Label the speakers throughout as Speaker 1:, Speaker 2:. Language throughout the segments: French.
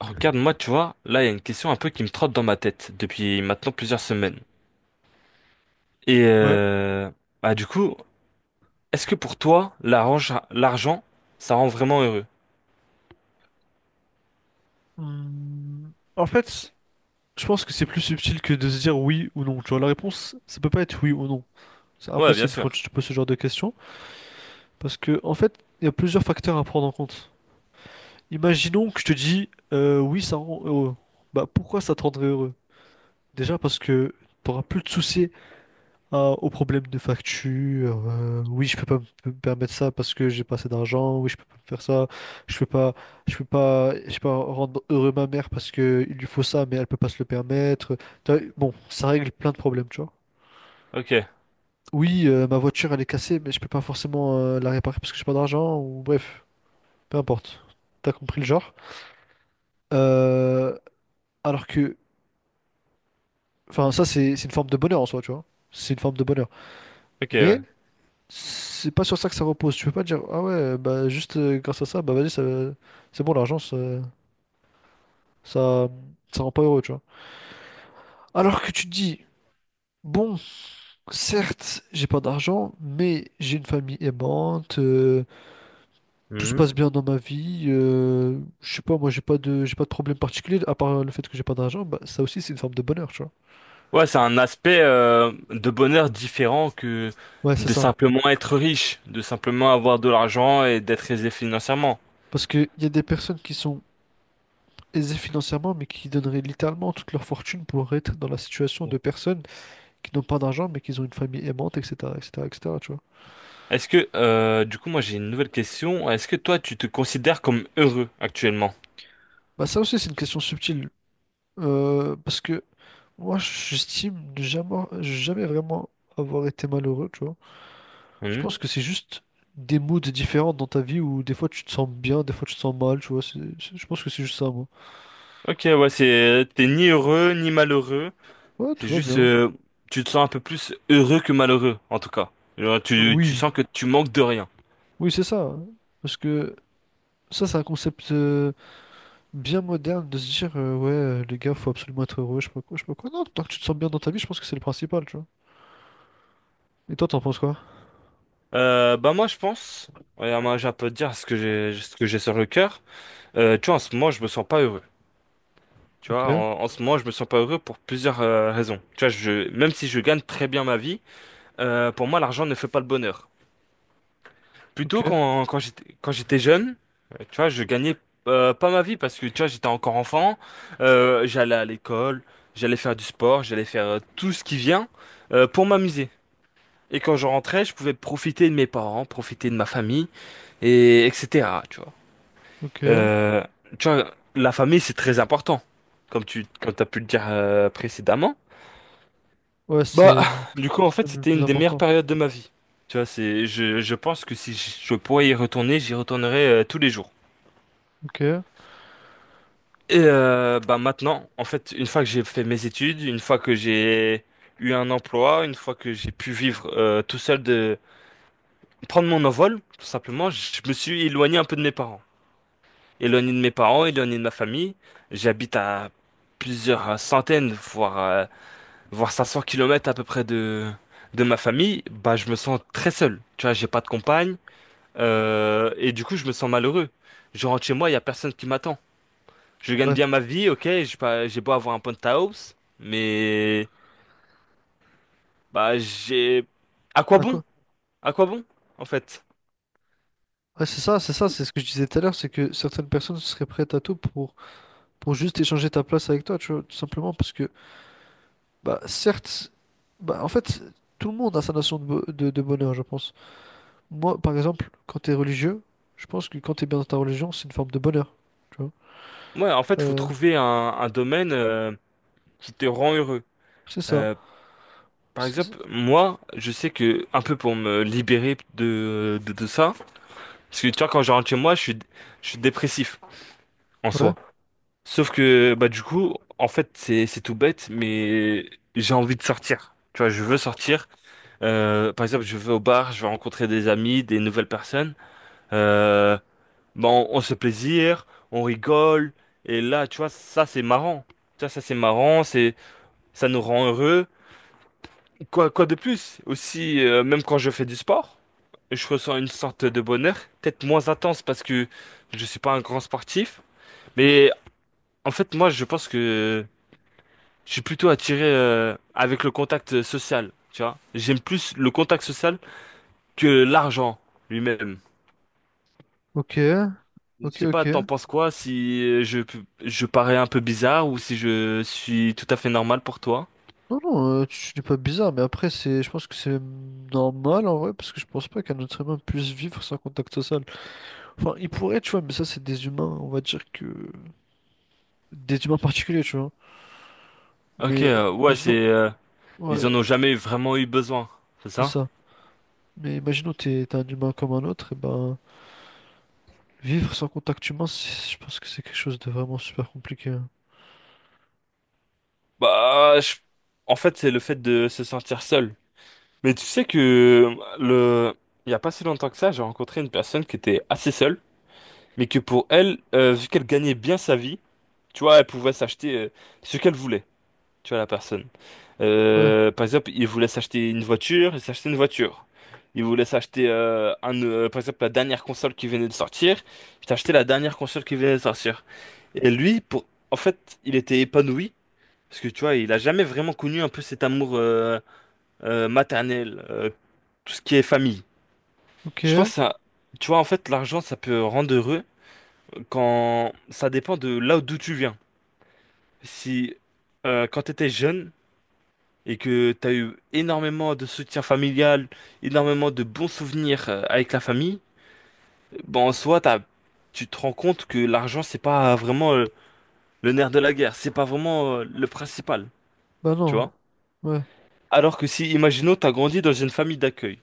Speaker 1: Regarde, moi, tu vois, là, il y a une question un peu qui me trotte dans ma tête depuis maintenant plusieurs semaines. Et
Speaker 2: Ouais.
Speaker 1: euh, bah du coup, est-ce que pour toi, l'argent, ça rend vraiment heureux?
Speaker 2: En fait, je pense que c'est plus subtil que de se dire oui ou non. Tu vois, la réponse, ça peut pas être oui ou non. C'est
Speaker 1: Ouais, bien
Speaker 2: impossible quand
Speaker 1: sûr.
Speaker 2: tu te poses ce genre de questions. Parce que, en fait, il y a plusieurs facteurs à prendre en compte. Imaginons que je te dis oui, ça rend heureux. Bah, pourquoi ça te rendrait heureux? Déjà parce que tu n'auras plus de soucis aux problèmes de facture. Oui, je peux pas me permettre ça parce que j'ai pas assez d'argent. Oui, je peux pas me faire ça. Je peux pas, je peux pas rendre heureux ma mère parce que il lui faut ça, mais elle peut pas se le permettre. Tu vois, bon, ça règle plein de problèmes, tu vois.
Speaker 1: Ok,
Speaker 2: Oui, ma voiture elle est cassée, mais je peux pas forcément la réparer parce que j'ai pas d'argent ou bref, peu importe. T'as compris le genre. Euh, alors que, enfin, ça c'est une forme de bonheur en soi, tu vois. C'est une forme de bonheur.
Speaker 1: ok,
Speaker 2: Mais
Speaker 1: ouais.
Speaker 2: c'est pas sur ça que ça repose. Tu peux pas dire, ah ouais, bah juste grâce à ça, bah vas-y, c'est bon, l'argent, ça, ça rend pas heureux, tu vois. Alors que tu te dis, bon, certes, j'ai pas d'argent, mais j'ai une famille aimante, tout se
Speaker 1: Mhm.
Speaker 2: passe bien dans ma vie, je sais pas, moi j'ai pas de problème particulier, à part le fait que j'ai pas d'argent, bah ça aussi c'est une forme de bonheur, tu vois.
Speaker 1: Ouais, c'est un aspect de bonheur différent que
Speaker 2: Ouais, c'est
Speaker 1: de
Speaker 2: ça.
Speaker 1: simplement être riche, de simplement avoir de l'argent et d'être aisé financièrement.
Speaker 2: Parce que y a des personnes qui sont aisées financièrement, mais qui donneraient littéralement toute leur fortune pour être dans la situation de
Speaker 1: Bon.
Speaker 2: personnes qui n'ont pas d'argent, mais qui ont une famille aimante, etc., etc., etc., tu vois.
Speaker 1: Est-ce que, du coup, moi, j'ai une nouvelle question. Est-ce que toi, tu te considères comme heureux actuellement?
Speaker 2: Bah, ça aussi, c'est une question subtile. Parce que moi, j'estime ne jamais, jamais vraiment avoir été malheureux, tu vois. Je
Speaker 1: Mmh.
Speaker 2: pense que c'est juste des moods différents dans ta vie où des fois tu te sens bien, des fois tu te sens mal, tu vois. Je pense que c'est juste ça, moi.
Speaker 1: Ok, ouais, c'est t'es ni heureux ni malheureux.
Speaker 2: Ouais,
Speaker 1: C'est
Speaker 2: tout va
Speaker 1: juste,
Speaker 2: bien.
Speaker 1: tu te sens un peu plus heureux que malheureux, en tout cas. Genre, tu
Speaker 2: Oui,
Speaker 1: sens que tu manques de rien.
Speaker 2: oui, c'est ça. Parce que ça, c'est un concept bien moderne de se dire, ouais, les gars, faut absolument être heureux, je sais pas quoi, je sais pas quoi. Non, tant que tu te sens bien dans ta vie, je pense que c'est le principal, tu vois. Et toi, t'en penses quoi?
Speaker 1: Bah moi, je pense, ouais, moi, j'ai un peu de dire ce que j'ai sur le cœur. Tu vois, en ce moment, je me sens pas heureux. Tu
Speaker 2: Ok.
Speaker 1: vois, en ce moment, je me sens pas heureux pour plusieurs raisons. Tu vois, même si je gagne très bien ma vie, pour moi, l'argent ne fait pas le bonheur. Plutôt
Speaker 2: Ok,
Speaker 1: quand j'étais jeune, tu vois, je gagnais pas ma vie parce que tu vois, j'étais encore enfant, j'allais à l'école, j'allais faire du sport, j'allais faire tout ce qui vient pour m'amuser. Et quand je rentrais, je pouvais profiter de mes parents, profiter de ma famille et etc. Tu vois.
Speaker 2: ok.
Speaker 1: Euh, tu vois, la famille c'est très important, comme t'as pu le dire précédemment.
Speaker 2: Ouais,
Speaker 1: Bah, du
Speaker 2: c'est
Speaker 1: coup, en
Speaker 2: peut-être
Speaker 1: fait,
Speaker 2: même le
Speaker 1: c'était
Speaker 2: plus
Speaker 1: une des meilleures
Speaker 2: important.
Speaker 1: périodes de ma vie. Tu vois, c'est je pense que si je pourrais y retourner, j'y retournerais tous les jours.
Speaker 2: Ok,
Speaker 1: Bah maintenant, en fait, une fois que j'ai fait mes études, une fois que j'ai eu un emploi, une fois que j'ai pu vivre tout seul de prendre mon envol, tout simplement, je me suis éloigné un peu de mes parents. Éloigné de mes parents, éloigné de ma famille. J'habite à plusieurs centaines, voire 500 kilomètres à peu près de ma famille. Bah je me sens très seul. Tu vois, j'ai pas de compagne et du coup, je me sens malheureux. Je rentre chez moi, il y a personne qui m'attend. Je gagne
Speaker 2: ouais.
Speaker 1: bien ma vie, ok, j'ai pas, j'ai beau avoir un penthouse, mais bah j'ai. À quoi
Speaker 2: À
Speaker 1: bon?
Speaker 2: quoi-
Speaker 1: À quoi bon, en fait?
Speaker 2: Ouais, c'est ça, c'est ça, c'est ce que je disais tout à l'heure, c'est que certaines personnes seraient prêtes à tout pour juste échanger ta place avec toi, tu vois, tout simplement, parce que, bah, certes, bah, en fait, tout le monde a sa notion de, de bonheur, je pense. Moi, par exemple, quand t'es religieux, je pense que quand t'es bien dans ta religion, c'est une forme de bonheur, tu vois.
Speaker 1: Ouais, en fait, faut
Speaker 2: Euh,
Speaker 1: trouver un domaine qui te rend heureux.
Speaker 2: c'est ça.
Speaker 1: Euh, par
Speaker 2: C'est- c'est-
Speaker 1: exemple, moi, je sais que un peu pour me libérer de ça, parce que tu vois, quand je rentre chez moi, je suis dépressif en
Speaker 2: Ouais,
Speaker 1: soi. Sauf que bah du coup, en fait, c'est tout bête, mais j'ai envie de sortir. Tu vois, je veux sortir. Par exemple, je vais au bar, je vais rencontrer des amis, des nouvelles personnes. Euh, bon, on se plaisir, on rigole. Et là, tu vois, ça, c'est marrant. C'est marrant, ça nous rend heureux. Quoi de plus? Aussi, même quand je fais du sport, je ressens une sorte de bonheur, peut-être moins intense parce que je suis pas un grand sportif. Mais en fait, moi, je pense que je suis plutôt attiré, avec le contact social, tu vois. J'aime plus le contact social que l'argent lui-même.
Speaker 2: ok,
Speaker 1: Je
Speaker 2: ok,
Speaker 1: sais pas, t'en
Speaker 2: ok.
Speaker 1: penses quoi si je parais un peu bizarre ou si je suis tout à fait normal pour toi?
Speaker 2: Non, non, tu dis pas bizarre, mais après, c'est, je pense que c'est normal en vrai, parce que je pense pas qu'un être humain puisse vivre sans contact social. Enfin, il pourrait, tu vois, mais ça, c'est des humains, on va dire que. Des humains particuliers, tu vois.
Speaker 1: Ok,
Speaker 2: Mais
Speaker 1: ouais,
Speaker 2: imaginons.
Speaker 1: c'est ils
Speaker 2: Ouais,
Speaker 1: en ont jamais vraiment eu besoin, c'est
Speaker 2: c'est
Speaker 1: ça?
Speaker 2: ça. Mais imaginons, t'es un humain comme un autre, et ben, vivre sans contact humain, c'est- je pense que c'est quelque chose de vraiment super compliqué, hein.
Speaker 1: Bah, je- en fait, c'est le fait de se sentir seul. Mais tu sais que le il y a pas si longtemps que ça, j'ai rencontré une personne qui était assez seule, mais que pour elle, vu qu'elle gagnait bien sa vie, tu vois, elle pouvait s'acheter ce qu'elle voulait, tu vois, la personne.
Speaker 2: Ouais,
Speaker 1: Par exemple, il voulait s'acheter une voiture, ils s'achètent une voiture. Il voulait s'acheter, par exemple, la dernière console qui venait de sortir. Il t'a acheté la dernière console qui venait de sortir. Et lui, pour, en fait, il était épanoui. Parce que tu vois, il a jamais vraiment connu un peu cet amour maternel, tout ce qui est famille. Je
Speaker 2: ok,
Speaker 1: pense que ça, tu vois, en fait, l'argent, ça peut rendre heureux quand ça dépend de là d'où tu viens. Si quand tu étais jeune, et que t'as eu énormément de soutien familial, énormément de bons souvenirs avec la famille, bon, en soi, tu te rends compte que l'argent, c'est pas vraiment le nerf de la guerre, c'est pas vraiment le principal,
Speaker 2: bah
Speaker 1: tu
Speaker 2: non.
Speaker 1: vois?
Speaker 2: Ouais,
Speaker 1: Alors que si, imaginons, t'as grandi dans une famille d'accueil,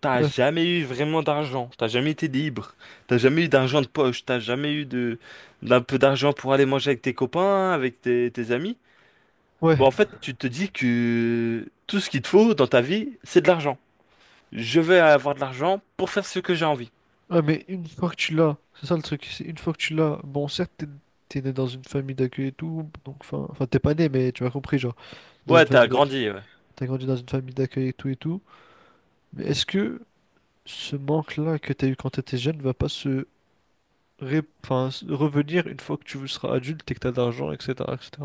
Speaker 1: t'as
Speaker 2: ouais,
Speaker 1: jamais eu vraiment d'argent, t'as jamais été libre, t'as jamais eu d'argent de poche, t'as jamais eu de, d'un peu d'argent pour aller manger avec tes copains, avec tes amis,
Speaker 2: ouais.
Speaker 1: bon, en fait, tu te dis que tout ce qu'il te faut dans ta vie, c'est de l'argent. Je vais avoir de l'argent pour faire ce que j'ai envie.
Speaker 2: Ah, mais une fois que tu l'as, c'est ça le truc, c'est une fois que tu l'as, bon, certes, t'es né dans une famille d'accueil et tout, donc, enfin, enfin, t'es pas né, mais tu m'as compris, genre, dans
Speaker 1: Ouais,
Speaker 2: une
Speaker 1: t'as
Speaker 2: famille d'accueil,
Speaker 1: grandi, ouais.
Speaker 2: t'as grandi dans une famille d'accueil et tout, mais est-ce que ce manque-là que t'as eu quand t'étais jeune va pas se, enfin, se revenir une fois que tu seras adulte et que t'as de l'argent, etc., etc.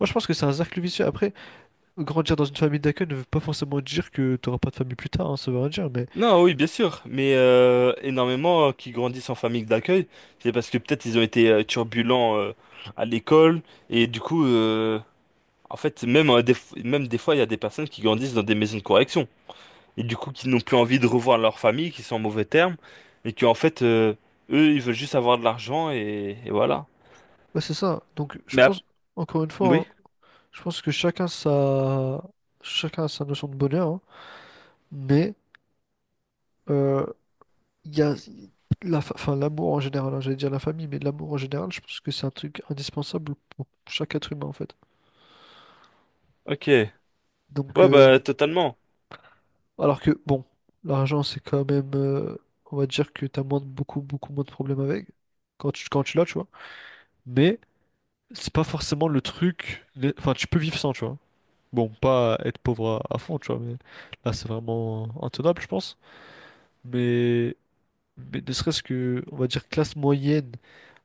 Speaker 2: Moi, je pense que c'est un cercle vicieux. Après, grandir dans une famille d'accueil ne veut pas forcément dire que t'auras pas de famille plus tard, hein, ça veut rien dire, mais,
Speaker 1: Non, oui, bien sûr, mais énormément qui grandissent en famille d'accueil, c'est parce que peut-être ils ont été turbulents à l'école et du coup, en fait, même même des fois, il y a des personnes qui grandissent dans des maisons de correction et du coup, qui n'ont plus envie de revoir leur famille, qui sont en mauvais termes et qui en fait, eux, ils veulent juste avoir de l'argent et voilà.
Speaker 2: ouais, c'est ça, donc, je
Speaker 1: Mais
Speaker 2: pense,
Speaker 1: ap-
Speaker 2: encore une fois,
Speaker 1: oui,
Speaker 2: hein, je pense que chacun sa, chacun a sa notion de bonheur, hein. Mais euh, il y a la, enfin, l'amour en général, hein, j'allais dire la famille, mais l'amour en général, je pense que c'est un truc indispensable pour chaque être humain en fait.
Speaker 1: ok.
Speaker 2: Donc,
Speaker 1: Ouais, bah totalement.
Speaker 2: alors que bon, l'argent c'est quand même, on va dire que t'as moins de, beaucoup, beaucoup moins de problèmes avec quand quand tu l'as, tu vois. Mais c'est pas forcément le truc, les- enfin, tu peux vivre sans, tu vois. Bon, pas être pauvre à fond, tu vois, mais là c'est vraiment intenable, je pense. Mais Mais ne serait-ce que, on va dire, classe moyenne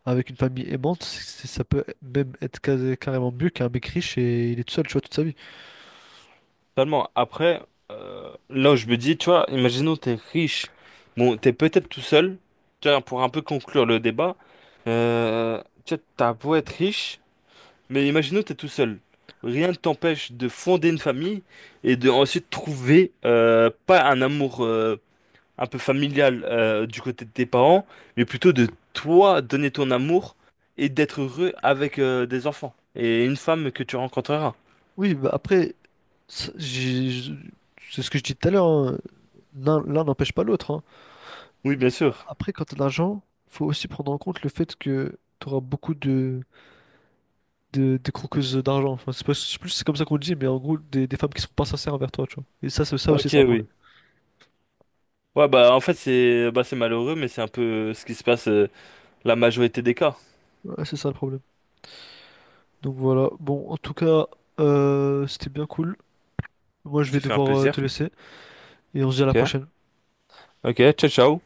Speaker 2: avec une famille aimante, c'est- ça peut même être carrément mieux qu'un mec riche et il est tout seul, tu vois, toute sa vie.
Speaker 1: Totalement. Après, là où je me dis, tu vois, imaginons t'es riche, bon, t'es peut-être tout seul, tu vois, pour un peu conclure le débat, tu vois, t'as beau être riche, mais imaginons t'es tout seul. Rien ne t'empêche de fonder une famille et de ensuite trouver pas un amour un peu familial du côté de tes parents, mais plutôt de toi donner ton amour et d'être heureux avec des enfants et une femme que tu rencontreras.
Speaker 2: Oui, bah après, ça- j'ai- je- c'est ce que je dis tout à l'heure, hein, L'un n'empêche pas l'autre, hein.
Speaker 1: Oui, bien sûr.
Speaker 2: Après, quand t'as de l'argent, faut aussi prendre en compte le fait que t'auras beaucoup de, de croqueuses d'argent. Enfin, c'est pas- je sais plus si c'est comme ça qu'on le dit, mais en gros, des femmes qui sont pas sincères envers toi, tu vois. Et ça, c'est ça aussi,
Speaker 1: Ok,
Speaker 2: c'est un problème.
Speaker 1: oui. Ouais, bah en fait, c'est bah, c'est malheureux, mais c'est un peu ce qui se passe la majorité des cas.
Speaker 2: Ouais, c'est ça le problème. Donc voilà. Bon, en tout cas, c'était bien cool. Moi, je vais
Speaker 1: C'est fait un
Speaker 2: devoir te
Speaker 1: plaisir.
Speaker 2: laisser et on se dit à la
Speaker 1: Ok,
Speaker 2: prochaine.
Speaker 1: ok, ciao, ciao.